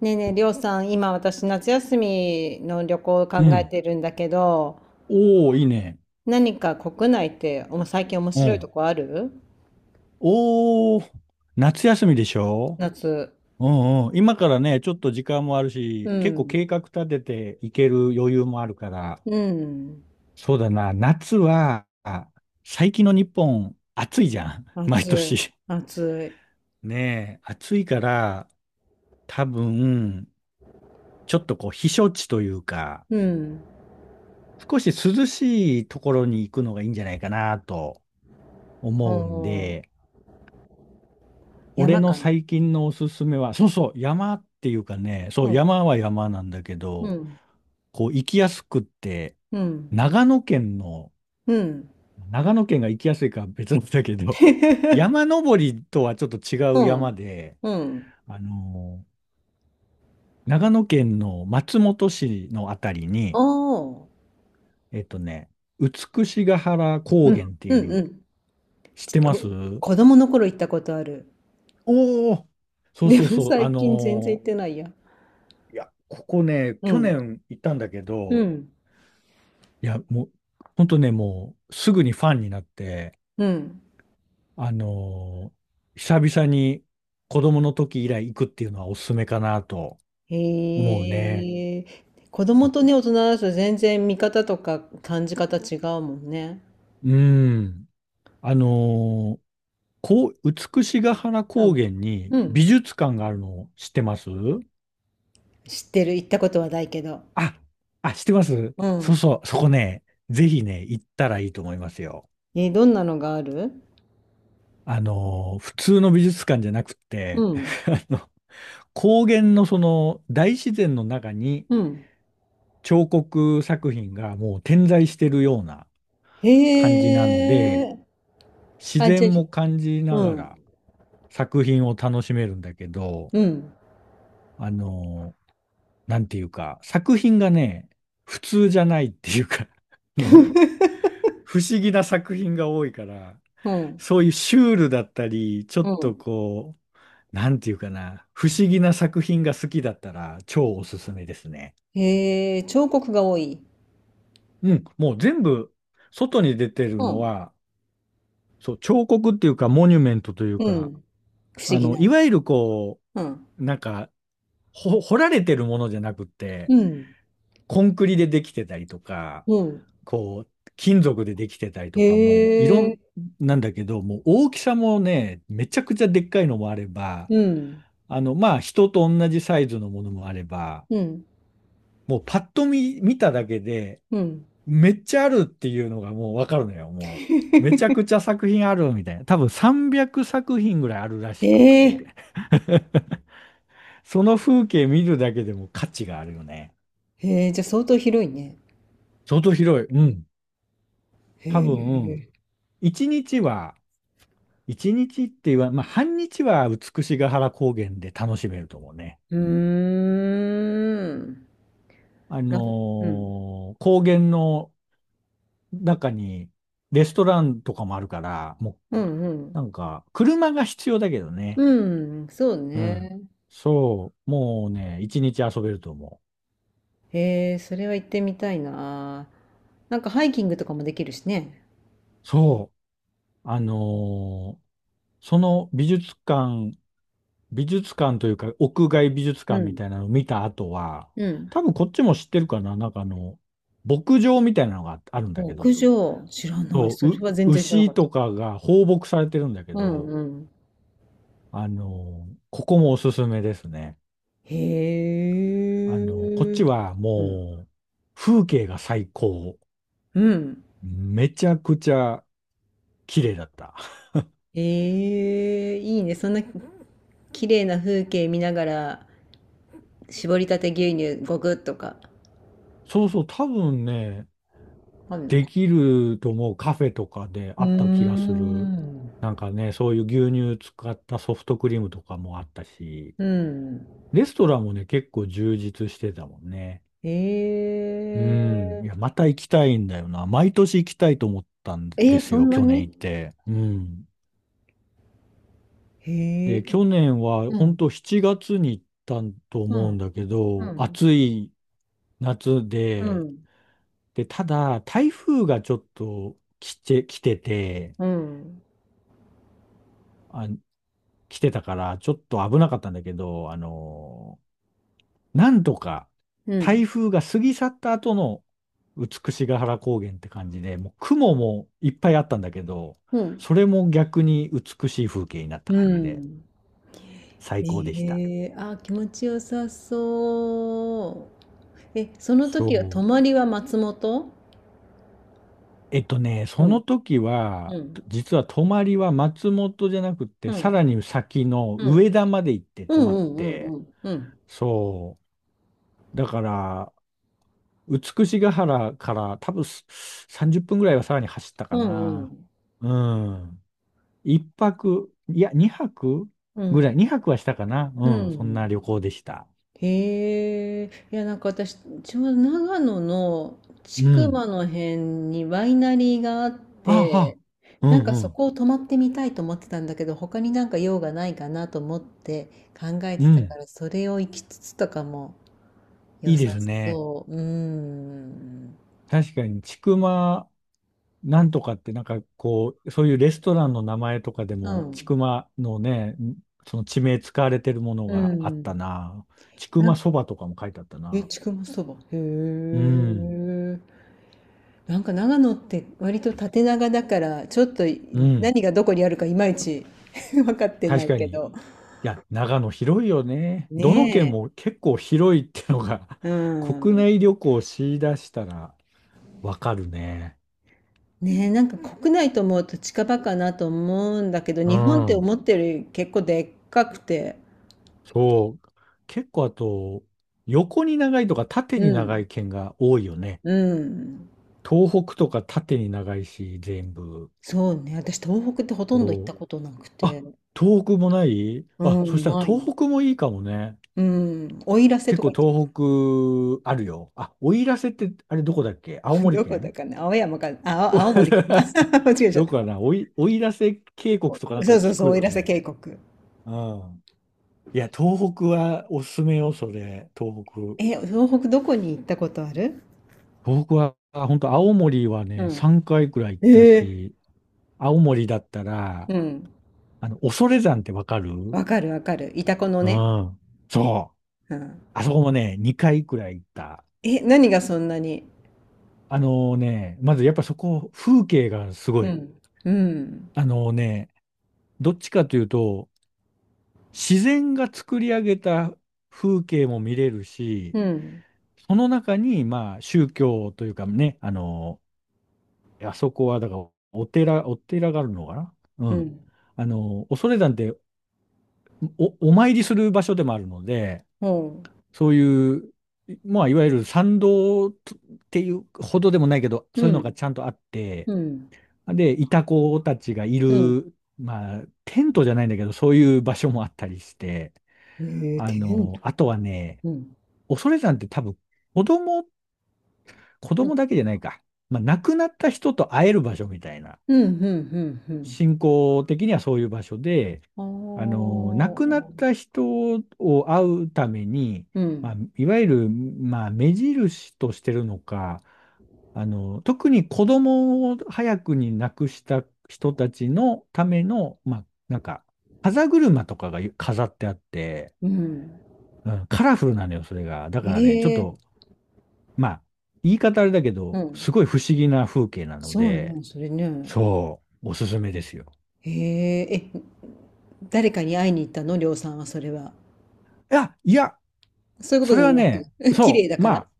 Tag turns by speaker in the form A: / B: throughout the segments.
A: ねえねえ、りょうさん、今私夏休みの旅行を
B: う
A: 考え
B: ん。
A: てるんだけど、
B: おー、いいね。
A: 何か国内って最近面
B: う
A: 白いと
B: ん。
A: こある？
B: おー、夏休みでしょ？
A: 夏。
B: うんうん。今からね、ちょっと時間もある
A: う
B: し、結構計
A: ん。
B: 画立てていける余裕もあるから、
A: うん。
B: そうだな、夏は、最近の日本、暑いじゃん。毎
A: 暑い。
B: 年。
A: 暑
B: ねえ、暑いから、多分、ちょっとこう、避暑地というか、
A: い。うん。
B: 少し涼しいところに行くのがいいんじゃないかなと思うん
A: おー。
B: で、俺
A: 山
B: の
A: かな。
B: 最近のおすすめは、そうそう、山っていうかね、そ
A: う
B: う、
A: ん。
B: 山は山なんだけ
A: う
B: ど、
A: ん。
B: こう、行きやすくって、
A: うん。
B: 長野県の、
A: うん。
B: 長野県が行きやすいかは別なんだけど、山登りとはちょっと違
A: う
B: う山
A: ん。
B: で、
A: うん。
B: あのー長野県の松本市のあたり
A: お
B: に、
A: ー。
B: えっとね、美ヶ原
A: う
B: 高
A: ん。
B: 原ってい
A: うん。う
B: う、
A: ん。
B: 知ってま
A: こ、
B: す？
A: 子供の頃行ったことある。
B: おおそう
A: で
B: そう
A: も
B: そう、
A: 最近全然行ってないや。
B: いや、ここね、
A: う
B: 去
A: ん。
B: 年行ったんだけ
A: う
B: ど、
A: ん。
B: いや、もう、ほんとね、もう、すぐにファンになって、
A: うん。
B: あのー久々に子供の時以来行くっていうのはおすすめかなと思うね。
A: へえ、子供とね、大人だと全然見方とか感じ方違うもんね。
B: うん。あのーこう、美しが原
A: う
B: 高
A: ん。
B: 原に
A: う
B: 美
A: ん。
B: 術館があるの知ってます？
A: 知ってる。行ったことはないけど。
B: あ、あ、知ってます。
A: う
B: そう
A: ん。
B: そう、そこね、ぜひね、行ったらいいと思いますよ。
A: え、どんなのがある？
B: 普通の美術館じゃなくっ
A: う
B: て、
A: ん。
B: あの高原のその大自然の中に、
A: うん。
B: 彫刻作品がもう点在してるような
A: へ
B: 感じなので、
A: え。
B: 自
A: あ、じゃ
B: 然も感じ
A: あ、
B: な
A: う
B: が
A: ん。
B: ら作品を楽しめるんだけど、
A: うん。
B: あの、なんていうか、作品がね、普通じゃないっていうか、あの、不思議な作品が多いから、
A: うん。
B: そういうシュールだったり、ちょ
A: う
B: っと
A: ん。
B: こう、なんていうかな、不思議な作品が好きだったら超おすすめですね。
A: へえ、彫刻が多い。
B: うん、もう全部、外に出てる
A: う
B: の
A: ん。
B: は、そう、彫刻っていうか、モニュメントという
A: う
B: か、
A: ん。不思議
B: い
A: な。
B: わゆるこ
A: うん。
B: う、なんか、掘られてるものじゃなくって、
A: うん。
B: コンクリでできてたりとか、
A: うん。
B: こう、金属でできてたり
A: へ
B: とか、もう、いろん、
A: え。
B: なんだけど、もう大きさもね、めちゃくちゃでっかいのもあれば、
A: うん。
B: まあ、人と同じサイズのものもあれば、
A: うん。
B: もうパッと見、見ただけで、
A: うん。
B: めっちゃあるっていうのがもうわかるのよ、もう。めちゃくちゃ作品あるみたいな。多分300作品ぐらいあるらしくって。
A: ええ。
B: その風景見るだけでも価値があるよね。
A: へえ、じゃあ相当広いね。
B: 相当広い。うん。
A: へ
B: 多分、
A: え。
B: 1日は、一日って言わ、まあ、半日は美しが原高原で楽しめると思うね。
A: うーん。な、うん。
B: 高原の中にレストランとかもあるから、も
A: うんう
B: う
A: ん。
B: なんか、車が必要だけどね。
A: うん、そう
B: うん。
A: ね。
B: そう、もうね、一日遊べると思う。
A: へえ、それは行ってみたいな。なんかハイキングとかもできるしね。
B: そう、その美術館、美術館というか、屋外美術
A: う
B: 館み
A: ん。
B: たいなのを見た後は、
A: うん。
B: 多分こっちも知ってるかな、なんか牧場みたいなのがあるんだけ
A: 屋
B: ど、
A: 上、知らない。
B: そ
A: そ
B: う、
A: れは全然知らなか
B: 牛
A: っ
B: と
A: た。
B: かが放牧されてるんだけ
A: うん
B: ど、
A: うん。
B: ここもおすすめですね。
A: へ
B: こっ
A: え。
B: ちは
A: うん。
B: もう、風景が最高。
A: うん。
B: めちゃくちゃ綺麗だった。
A: ええ、いいね。そんな綺麗な風景見ながら、絞りたて牛乳ゴくッとか。
B: そうそう、多分ね、
A: あんの
B: で
A: か。
B: きると思う。カフェとかで
A: う
B: あ
A: ー
B: った気がする。
A: ん。
B: なんかね、そういう牛乳使ったソフトクリームとかもあったし、
A: うん。
B: レストランもね、結構充実してたもんね。う
A: ええ。
B: ん。いや、また行きたいんだよな。毎年行きたいと思ったん
A: え
B: で
A: え、
B: す
A: そん
B: よ、
A: な
B: 去年
A: に？
B: 行って。うん。
A: へ
B: で、
A: え。
B: 去年は
A: う
B: 本
A: ん。
B: 当7月に行ったと
A: う
B: 思う
A: ん。
B: んだけ
A: う
B: ど、
A: ん。
B: 暑い夏
A: う
B: で、
A: ん。
B: で、ただ、台風がちょっと来てて、
A: うん。
B: あ、来てたから、ちょっと危なかったんだけど、なんとか
A: うん。
B: 台風が過ぎ去った後の美しが原高原って感じで、もう雲もいっぱいあったんだけど、
A: うん。
B: それも逆に美しい風景になった
A: う
B: 感じで、
A: ん。
B: 最高でした。
A: ええ、あ、気持ちよさそう。え、その時は泊
B: そう。
A: まりは松本？う
B: そ
A: ん。
B: の時は、
A: うん。
B: 実は泊まりは松本じゃなく
A: う
B: て、さら
A: ん。
B: に先の
A: うん。
B: 上田まで行って
A: う
B: 泊
A: ん
B: ま
A: う
B: っ
A: んうん
B: て、
A: うん。うん。
B: そう。だから、美しが原から多分30分ぐらいはさらに走った
A: う
B: か
A: ん
B: な。
A: うん。
B: うん。一泊、いや、二泊
A: う
B: ぐら
A: ん。
B: い、二泊はしたかな。
A: う
B: うん、そん
A: ん。
B: な旅行でした。
A: へえ、いや、なんか私、ちょうど長野の千
B: う
A: 曲
B: ん。
A: の辺にワイナリーがあっ
B: あ
A: て、
B: あ、う
A: なん
B: ん
A: か
B: う
A: そ
B: ん、
A: こを泊まってみたいと思ってたんだけど、他になんか用がないかなと思って考え
B: う
A: てたか
B: ん。
A: ら、それを行きつつとかも
B: い
A: 良
B: い
A: さ
B: ですね。
A: そう。うーん。
B: 確かに、ちくまなんとかって、なんかこう、そういうレストランの名前とかで
A: う
B: も、千
A: ん。
B: 曲のね、その地名使われてるもの
A: う
B: があった
A: ん。
B: な。ちく
A: な
B: ま
A: ん
B: そばとかも書いてあった
A: え、
B: な。
A: ちくまそば。へ
B: うん、
A: え。なんか長野って割と縦長だからちょっと
B: うん。
A: 何がどこにあるかいまいち 分かってな
B: 確
A: い
B: か
A: け
B: に。い
A: ど。
B: や、長野広いよね。どの県
A: ね
B: も結構広いってのが
A: え。う
B: 国
A: ん。
B: 内旅行をし出したらわかるね。
A: ねえ、なんか国内と思うと近場かなと思うんだけど、
B: う
A: 日本って
B: ん。
A: 思ってるより結構でっかくて。
B: そう。結構あと、横に長いとか縦
A: う
B: に
A: ん。
B: 長い県が多いよね。
A: うん。
B: 東北とか縦に長いし、全部。
A: そうね。私東北ってほとんど行っ
B: そ
A: た
B: う
A: ことなくて。
B: あ、東北もない
A: う
B: そ
A: ん、
B: したら
A: ない。
B: 東北もいいかもね。
A: うん。奥入瀬
B: 結
A: とか
B: 構
A: 行って
B: 東北あるよ。あ、奥入瀬って、あれどこだっけ？青 森
A: どこだ
B: 県
A: かな青山か、あ、
B: お
A: 青森かな 間違え ちゃっ
B: どこか
A: た。
B: な、追い出せ渓谷
A: そ
B: とかなんか
A: うそう
B: 聞
A: そう、
B: く
A: 奥
B: よ
A: 入瀬
B: ね。
A: 渓谷。
B: うん。いや、東北はおすすめよ、それ、東北。
A: え、東北どこに行ったことある？
B: 東北は、本当青森はね、
A: う
B: 3回くらい行っ
A: ん。
B: た
A: ええ。
B: し、青森だったら、
A: うん。
B: 恐山ってわかる？う
A: わかるわかる。イタコのね。
B: ん。そう。
A: うん。
B: あそこもね、2回くらい行った。
A: え、何がそんなに？
B: まずやっぱそこ、風景がす
A: う
B: ごい。
A: ん。うん。
B: あのね、どっちかというと、自然が作り上げた風景も見れる
A: う
B: し、
A: ん。
B: その中に、まあ、宗教というかね、あそこは、だから、お寺があるのかな。う
A: う
B: ん。
A: ん。
B: 恐山ってお参りする場所でもあるので、
A: ほ
B: そういう、まあ、いわゆる参道っていうほどでもないけど、
A: う。
B: そうい
A: う
B: うのが
A: ん。
B: ちゃんとあって、
A: うん。
B: で、イタコたちがい
A: うん。
B: る、まあ、テントじゃないんだけど、そういう場所もあったりして、
A: ええ、テント。
B: あとはね、
A: うん。
B: 恐山って多分、子供、子
A: う
B: 供
A: ん。
B: だけじゃないか。まあ、亡くなった人と会える場所みたいな。
A: うん。うん。うん。うん。
B: 信仰的にはそういう場所で、
A: あ
B: 亡くな
A: あ。
B: った人を会うために、
A: う
B: まあ、
A: ん。
B: いわゆる、まあ、目印としてるのか、特に子供を早くに亡くした人たちのための、まあ、なんか、風車とかが飾ってあって、
A: うん。
B: うん、カラフルなのよ、それが。だからね、ちょっ
A: え
B: と
A: え。
B: まあ、言い方あれだけ
A: う
B: ど、す
A: ん。
B: ごい不思議な風景なの
A: そう
B: で、
A: ね、それね。
B: そう、おすすめですよ。
A: へえ、え、誰かに会いに行ったの、りょうさんはそれは？
B: いや、いや、
A: そういうこと
B: それ
A: でも
B: は
A: なく、
B: ね、
A: 綺麗
B: そ
A: だ
B: う、
A: か
B: ま
A: ら。
B: あ、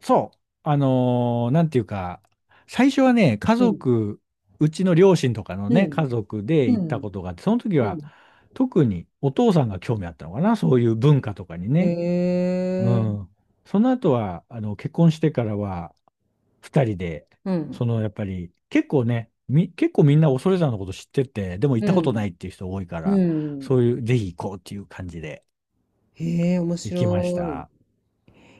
B: そう、なんていうか、最初はね、家
A: うん。
B: 族、うちの両親とかの
A: う
B: ね、家
A: ん。
B: 族で
A: う
B: 行った
A: ん。
B: ことがあって、その時
A: う
B: は、
A: ん。
B: 特にお父さんが興味あったのかな、そういう文化とかにね。
A: へ
B: う
A: え、
B: ん。その後は、結婚してからは、二人で、
A: うん。
B: やっぱり、結構ね、結構みんな恐山のこと知ってて、でも行
A: う
B: ったこと
A: ん。
B: ないっていう人多いか
A: う
B: ら、そ
A: ん。
B: ういう、ぜひ行こうっていう感じで
A: へえ、面
B: 行きまし
A: 白い。い
B: た。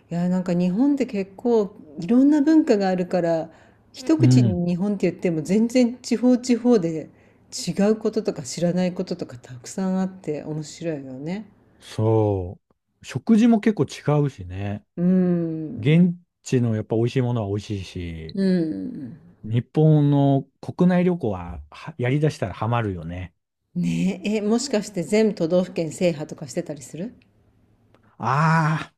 A: や、なんか日本って結構いろんな文化があるから、一
B: う
A: 口
B: ん。
A: に日本って言っても全然地方地方で違うこととか知らないこととかたくさんあって面白いよね。
B: そう。食事も結構違うしね。
A: うん。
B: 現地のやっぱ美味しいものは美味しいし、
A: うん。
B: 日本の国内旅行は、はやりだしたらハマるよね。
A: ねえ、え、もしかして全都道府県制覇とかしてたりする？
B: あ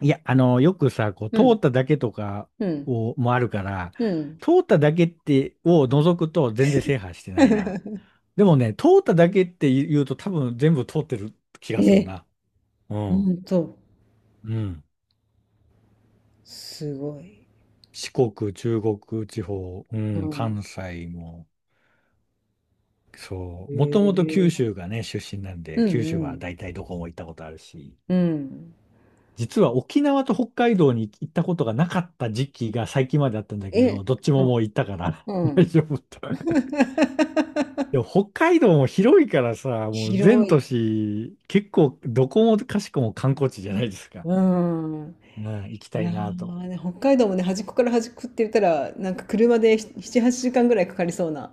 B: いや、よくさ、こう、
A: う
B: 通っ
A: ん。
B: ただけとか
A: うん。
B: を、もあるから、
A: うん。
B: 通っただけって、を除くと全然制覇してないな。でもね、通っただけって言うと多分全部通ってる気がする
A: え、
B: な。う
A: ほ
B: ん。
A: んと、
B: うん。
A: すごい。
B: 四国、中国地方、う
A: う
B: ん、
A: ん。
B: 関西も、そ
A: へ
B: う。もともと九
A: え。
B: 州がね、出身なん
A: う
B: で、九
A: んう
B: 州は
A: ん。
B: 大体どこも行ったことあるし、
A: うん。
B: 実は沖縄と北海道に行ったことがなかった時期が最近まであったんだけ
A: え、
B: ど、どっち
A: う
B: も
A: ん。
B: もう行ったから
A: う ん。
B: 大丈夫と。でも 北海道も広いからさ、もう全
A: 広い。
B: 都市、結構どこもかしこも観光地じゃないですか。
A: うん。
B: うん、行き
A: い
B: たい
A: や
B: なと。
A: ーね、北海道もね、端っこから端っこって言ったら、なんか車で7、8時間ぐらいかかりそうな。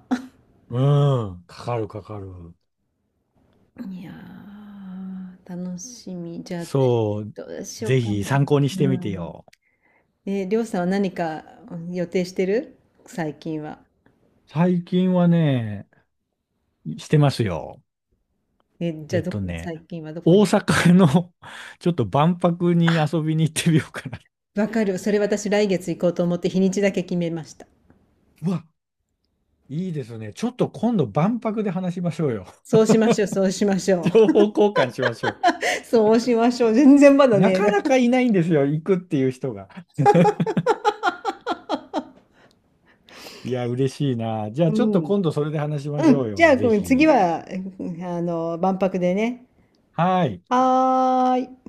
B: うん、かかるかかる。
A: いやー、楽しみ。じゃあ、
B: そう、
A: どうしよう
B: ぜ
A: かな。
B: ひ参考にしてみ
A: う
B: て
A: ん。
B: よ。
A: え、りょうさんは何か、うん、予定してる最近は？
B: 最近はね、してますよ。
A: え、じゃ
B: え
A: あ
B: っ
A: どこ、
B: とね、
A: 最近はどこ
B: 大
A: に？
B: 阪の ちょっと万博に遊びに行ってみようかな。
A: わかる。それ私来月行こうと思って日にちだけ決めました。
B: うわ、いいですね。ちょっと今度万博で話しましょうよ。
A: そうしましょう、そうしまし ょ
B: 情
A: う。
B: 報交換しましょ
A: そうしましょう。全然ま
B: う。
A: だ
B: な
A: ね。
B: かなかいないんですよ、行くっていう人が。いや、嬉しいな。じゃあ、
A: う
B: ちょっと
A: ん。
B: 今度それで話しま
A: う
B: しょう
A: ん。じゃあ、
B: よ。ぜ
A: うん、次
B: ひ。
A: は、うん、あの、万博でね。
B: はい。
A: はーい。